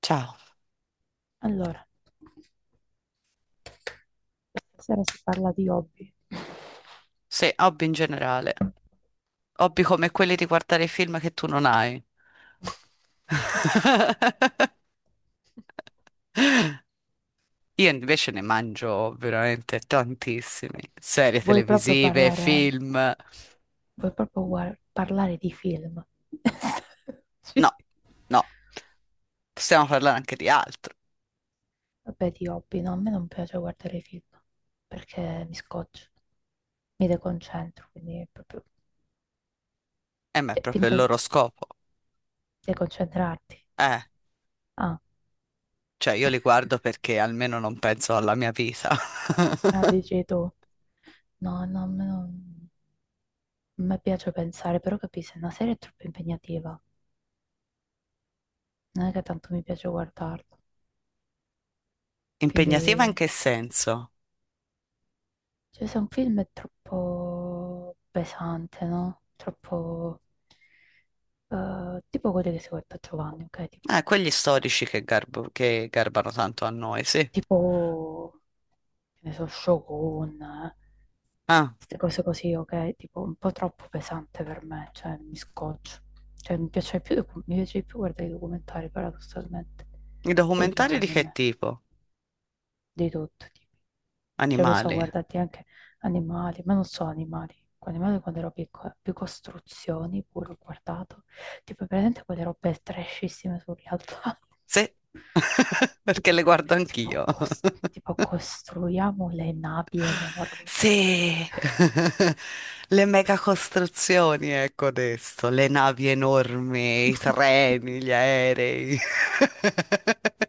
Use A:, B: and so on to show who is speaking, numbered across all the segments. A: Ciao.
B: Allora, stasera si parla di hobby.
A: Sì, hobby in generale. Hobby come quelli di guardare film che tu non hai. Io invece ne mangio veramente tantissimi. Serie
B: Vuoi proprio
A: televisive,
B: parlare,
A: film.
B: vuoi proprio parlare di film? Sì.
A: No, no, possiamo parlare anche di altro.
B: Vabbè, di hobby, no, a me non piace guardare i film perché mi scoccio, mi deconcentro, quindi è proprio.
A: E ma è
B: Cioè,
A: proprio il
B: finta di
A: loro scopo.
B: deconcentrarti.
A: Eh,
B: Ah,
A: cioè io li guardo perché almeno non penso alla mia vita.
B: ah, dici tu. No, no, a me non. A me piace pensare, però capisci, una serie è troppo impegnativa. Non è che tanto mi piace guardarla.
A: Impegnativa in
B: Quindi,
A: che senso?
B: cioè, se un film è troppo pesante, no? Troppo, tipo quelli che si guarda a Giovanni, ok? Tipo,
A: Quegli storici che, che garbano tanto a noi, sì.
B: tipo, che ne so, Shogun, eh.
A: Ah,
B: Queste cose così, ok? Tipo, un po' troppo pesante per me, cioè, mi scoccio. Cioè, mi piace di più guardare i documentari, paradossalmente,
A: i
B: e gli
A: documentari di che
B: anime.
A: tipo?
B: Di tutto, tipo. Cioè, mi sono
A: Animali.
B: guardati anche animali, ma non solo animali. Con animali quando ero piccola, più costruzioni pure ho guardato. Tipo, presente quelle robe trashissime sugli altari.
A: Sì, perché
B: Tipo,
A: le guardo anch'io.
B: tipo, cos- tipo, costruiamo le navi enormi.
A: Sì, le megacostruzioni, ecco adesso, le navi enormi, i treni, gli aerei.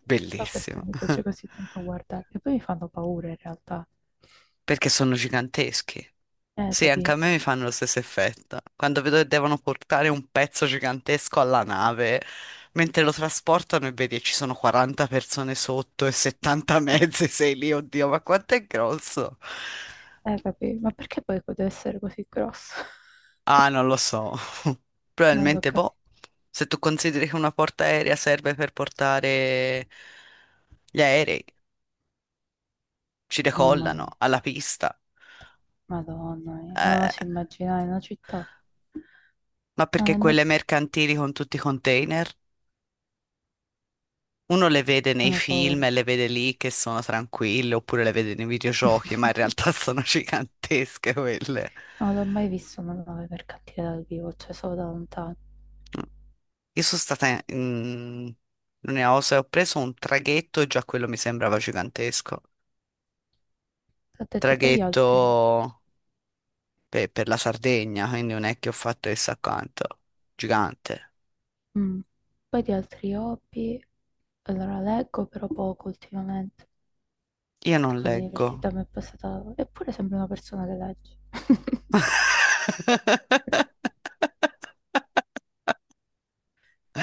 B: Non so perché
A: Bellissimo.
B: mi piace così tanto guardare. E poi mi fanno paura in realtà.
A: Perché sono giganteschi. Sì, anche
B: Capì?
A: a me mi fanno lo stesso effetto. Quando vedo che devono portare un pezzo gigantesco alla nave, mentre lo trasportano e vedi che ci sono 40 persone sotto e 70 mezzi, sei lì, oddio, ma quanto è grosso?
B: Capì? Ma perché poi deve essere così grosso?
A: Ah, non lo so.
B: Non l'ho
A: Probabilmente,
B: capito.
A: boh, se tu consideri che una porta aerea serve per portare gli aerei, ci
B: Mamma
A: decollano
B: mia,
A: alla pista.
B: Madonna mia, non
A: Eh,
B: oso immaginare una città.
A: ma
B: No,
A: perché
B: le mie
A: quelle mercantili con tutti i container? Uno le vede nei
B: fanno
A: film e
B: paura.
A: le vede lì che sono tranquille, oppure le vede nei videogiochi, ma in realtà sono gigantesche quelle.
B: Non l'ho mai visto una nave mercantile dal vivo, cioè solo da lontano.
A: Io sono stata in Osa e ho preso un traghetto e già quello mi sembrava gigantesco.
B: Ho detto poi di
A: Traghetto
B: altri,
A: per la Sardegna, quindi non è che ho fatto chissà quanto. Gigante.
B: mm, Poi di altri hobby. Allora leggo però poco ultimamente,
A: Io non
B: perché con
A: leggo.
B: l'università mi è passata. Eppure sembra una persona che legge.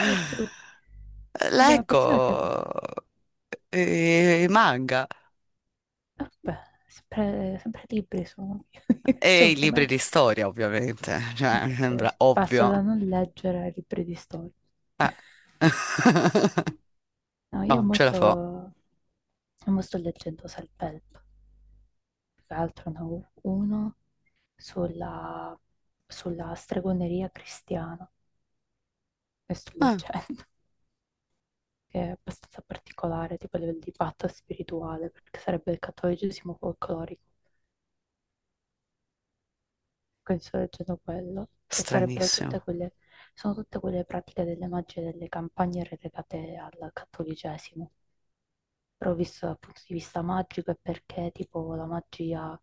B: Lo giuro. Sembra una
A: Leggo
B: persona che legge.
A: i manga.
B: Vabbè, sempre, sempre libri sono,
A: E
B: sono
A: i libri di
B: fumetti.
A: storia, ovviamente, cioè, mi
B: Perché
A: sembra
B: sì, passo
A: ovvio.
B: da non leggere ai libri di storia.
A: Eh.
B: No, io
A: Oh,
B: mo
A: ce la
B: sto,
A: fa.
B: mo sto leggendo Self-Help, più che altro ne ho uno sulla, sulla stregoneria cristiana che sto
A: Ah,
B: leggendo, che è abbastanza particolare, tipo a livello di patto spirituale, perché sarebbe il cattolicesimo folclorico. Che sto leggendo quello, che sarebbero
A: stranissimo.
B: tutte quelle, Sono tutte quelle pratiche delle magie e delle campagne relegate al cattolicesimo, però visto dal punto di vista magico è perché tipo la magia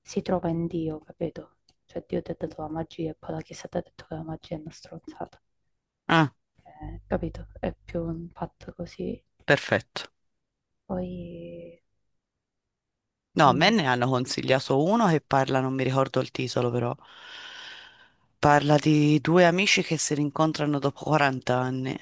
B: si trova in Dio, capito? Cioè Dio ti ha dato la magia e poi la Chiesa ti ha detto che la magia è una stronzata.
A: Ah,
B: Capito? È più un fatto così.
A: perfetto.
B: Poi,
A: No, a me
B: mm,
A: ne hanno consigliato uno che parla, non mi ricordo il titolo, però. Parla di due amici che si rincontrano dopo 40 anni.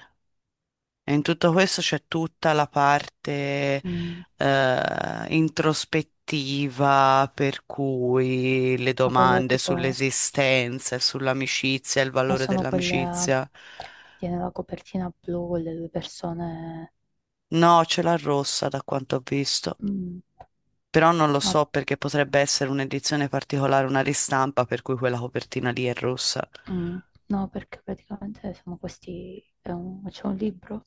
A: E in tutto questo c'è tutta la parte
B: mm,
A: introspettiva, per cui le
B: ma quello
A: domande
B: tipo,
A: sull'esistenza, e sull'amicizia, il
B: ma
A: valore
B: sono quelle,
A: dell'amicizia.
B: tiene la copertina blu con le due persone.
A: No, ce l'ha rossa da quanto ho visto,
B: Mm,
A: però non lo
B: No,
A: so perché potrebbe essere un'edizione particolare, una ristampa, per cui quella copertina lì è rossa.
B: mm, no, perché praticamente sono questi, c'è un libro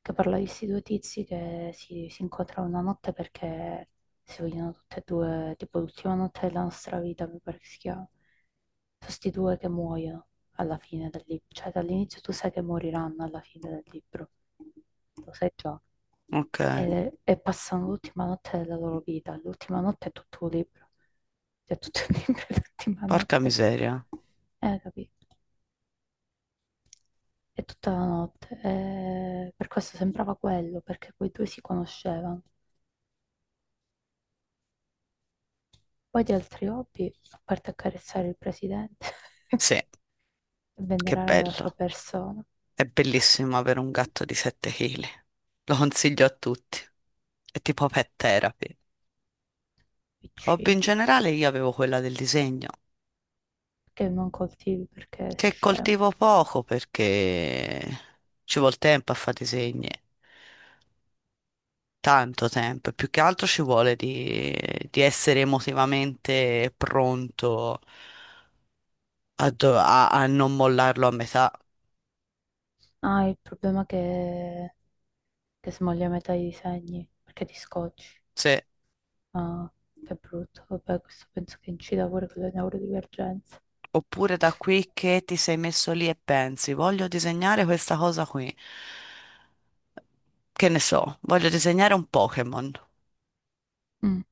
B: che parla di questi due tizi che si incontrano una notte perché si vogliono tutte e due, tipo l'ultima notte della nostra vita, mi pare che si chiama. Sono questi due che muoiono alla fine del libro, cioè dall'inizio tu sai che moriranno alla fine del libro, lo sai già,
A: Ok,
B: e passano l'ultima notte della loro vita, l'ultima notte è tutto un libro, cioè tutto il libro è l'ultima
A: porca
B: notte,
A: miseria.
B: capito? È tutta la notte, e per questo sembrava quello, perché quei due si conoscevano. Poi di altri hobby, a parte accarezzare il presidente e
A: Sì, che
B: venerare la sua
A: bello.
B: persona,
A: È bellissimo avere un gatto di 7 chili. Lo consiglio a tutti. È tipo pet therapy. Hobby
B: piccino.
A: in generale io avevo quella del disegno,
B: Perché non coltivi? Perché sei
A: che
B: scema.
A: coltivo poco perché ci vuole tempo a fare disegni, tanto tempo, e più che altro ci vuole di essere emotivamente pronto a, a non mollarlo a metà.
B: Ah, il problema è che, smoglia metà i disegni, perché ti scocci.
A: Sì.
B: Ah, che brutto. Vabbè, questo penso che incida pure con le neurodivergenze.
A: Oppure da qui che ti sei messo lì e pensi, voglio disegnare questa cosa qui. Che ne so, voglio disegnare un Pokémon.
B: Mm,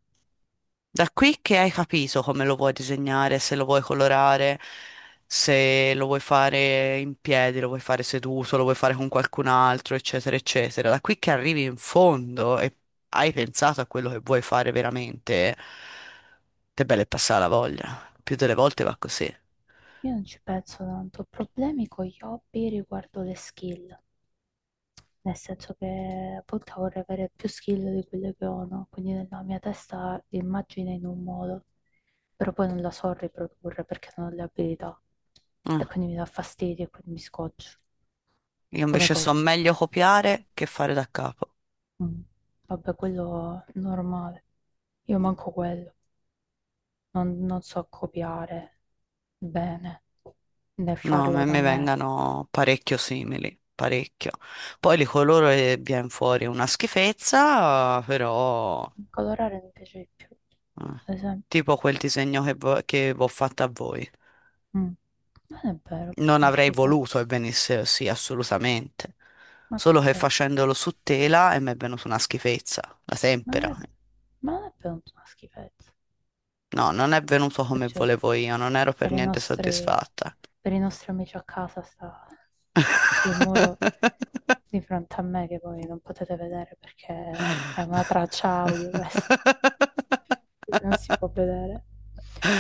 A: Da qui che hai capito come lo vuoi disegnare, se lo vuoi colorare, se lo vuoi fare in piedi, lo vuoi fare seduto, lo vuoi fare con qualcun altro, eccetera, eccetera. Da qui che arrivi in fondo e hai pensato a quello che vuoi fare veramente, te belle passare la voglia. Più delle volte va così.
B: Io non ci penso tanto. Ho problemi con gli hobby riguardo le skill. Nel senso che appunto vorrei avere più skill di quelle che ho, no? Quindi nella mia testa l'immagine è in un modo, però poi non la so riprodurre perché non ho le abilità. E
A: Ah,
B: quindi mi dà fastidio e quindi mi scoccio.
A: io
B: Come
A: invece so
B: corca.
A: meglio copiare che fare da capo.
B: Mm. Vabbè, quello normale. Io manco quello. Non so copiare bene, né
A: No, a
B: farlo
A: me
B: da
A: mi
B: me.
A: vengano parecchio simili, parecchio. Poi li coloro e viene fuori una schifezza, però
B: Colorare mi piace di più,
A: eh,
B: ad esempio.
A: tipo quel disegno che, che vi ho fatto a voi.
B: Mm. Non è vero, perché
A: Non
B: è una
A: avrei
B: schifezza.
A: voluto che venisse così, assolutamente.
B: Ma
A: Solo che
B: perché?
A: facendolo su tela e mi è venuta una schifezza, la
B: Ma
A: tempera.
B: non è, ma non è per una schifezza.
A: No, non è venuto come
B: Cioè,
A: volevo io, non ero per
B: per i
A: niente
B: nostri,
A: soddisfatta.
B: per i nostri amici a casa sta sul muro di fronte a me che voi non potete vedere perché è una traccia audio questa, non si può vedere.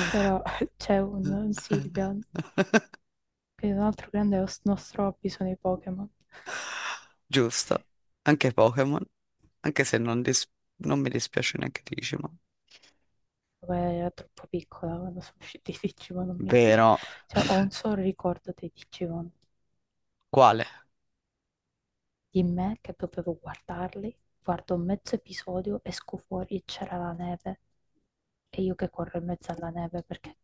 B: Però c'è un Silvian, che è un altro grande nostro hobby sono i Pokémon.
A: Giusto, anche Pokémon, anche se non mi dispiace neanche Digimon.
B: Quella era troppo piccola quando sono usciti i Digimon, non mi ricordo.
A: Vero.
B: Cioè, ho un solo ricordo dei Digimon.
A: Quale?
B: Di me che dovevo guardarli, guardo mezzo episodio, esco fuori e c'era la neve e io che corro in mezzo alla neve perché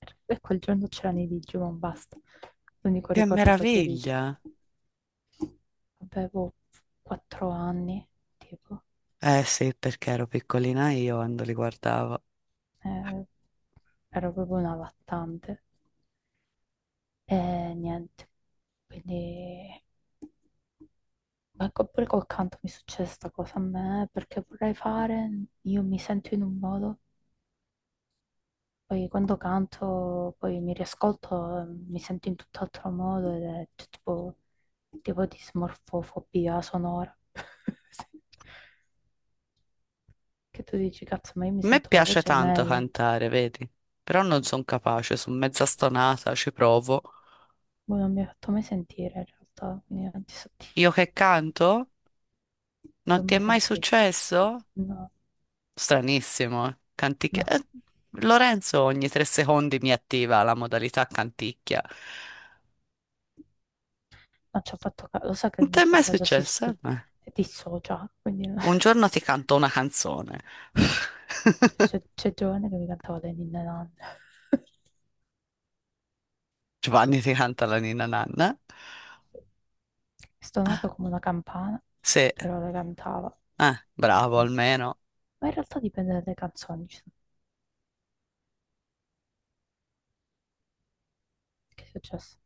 B: per quel giorno c'erano i Digimon, basta. L'unico
A: Che
B: ricordo che ho dei Digimon.
A: meraviglia!
B: Avevo 4 anni, tipo,
A: Eh sì, perché ero piccolina io quando li guardavo. A
B: eh, ero proprio una lattante e niente. Quindi, ma pure col canto mi succede sta cosa a me perché vorrei fare, io mi sento in un modo. Poi quando canto, poi mi riascolto, mi sento in tutt'altro modo ed è tipo di smorfofobia sonora. Sì. Che tu dici, cazzo, ma io mi
A: me
B: sento la
A: piace
B: voce
A: tanto
B: mai.
A: cantare, vedi? Però non sono capace, sono mezza stonata, ci provo.
B: Boh, non mi ha fatto mai sentire in realtà, quindi non ti so dire,
A: Io che canto?
B: non ti ho
A: Non ti è
B: mai
A: mai
B: sentito.
A: successo?
B: No,
A: Stranissimo, eh. Canticchia.
B: no,
A: Lorenzo ogni tre secondi mi attiva la modalità canticchia.
B: non ci ho fatto caso. Lo so che
A: Non
B: il
A: ti
B: mio
A: è mai
B: cervello si
A: successo?
B: dissocia, quindi
A: Un giorno ti canto una canzone.
B: c'è Giovanni che mi cantava le ninne nanne.
A: Giovanni ti canta la Nina Nanna.
B: Stonato come una campana,
A: Sì,
B: però le cantava.
A: bravo almeno.
B: Ma in realtà dipende dalle canzoni. Che è successo?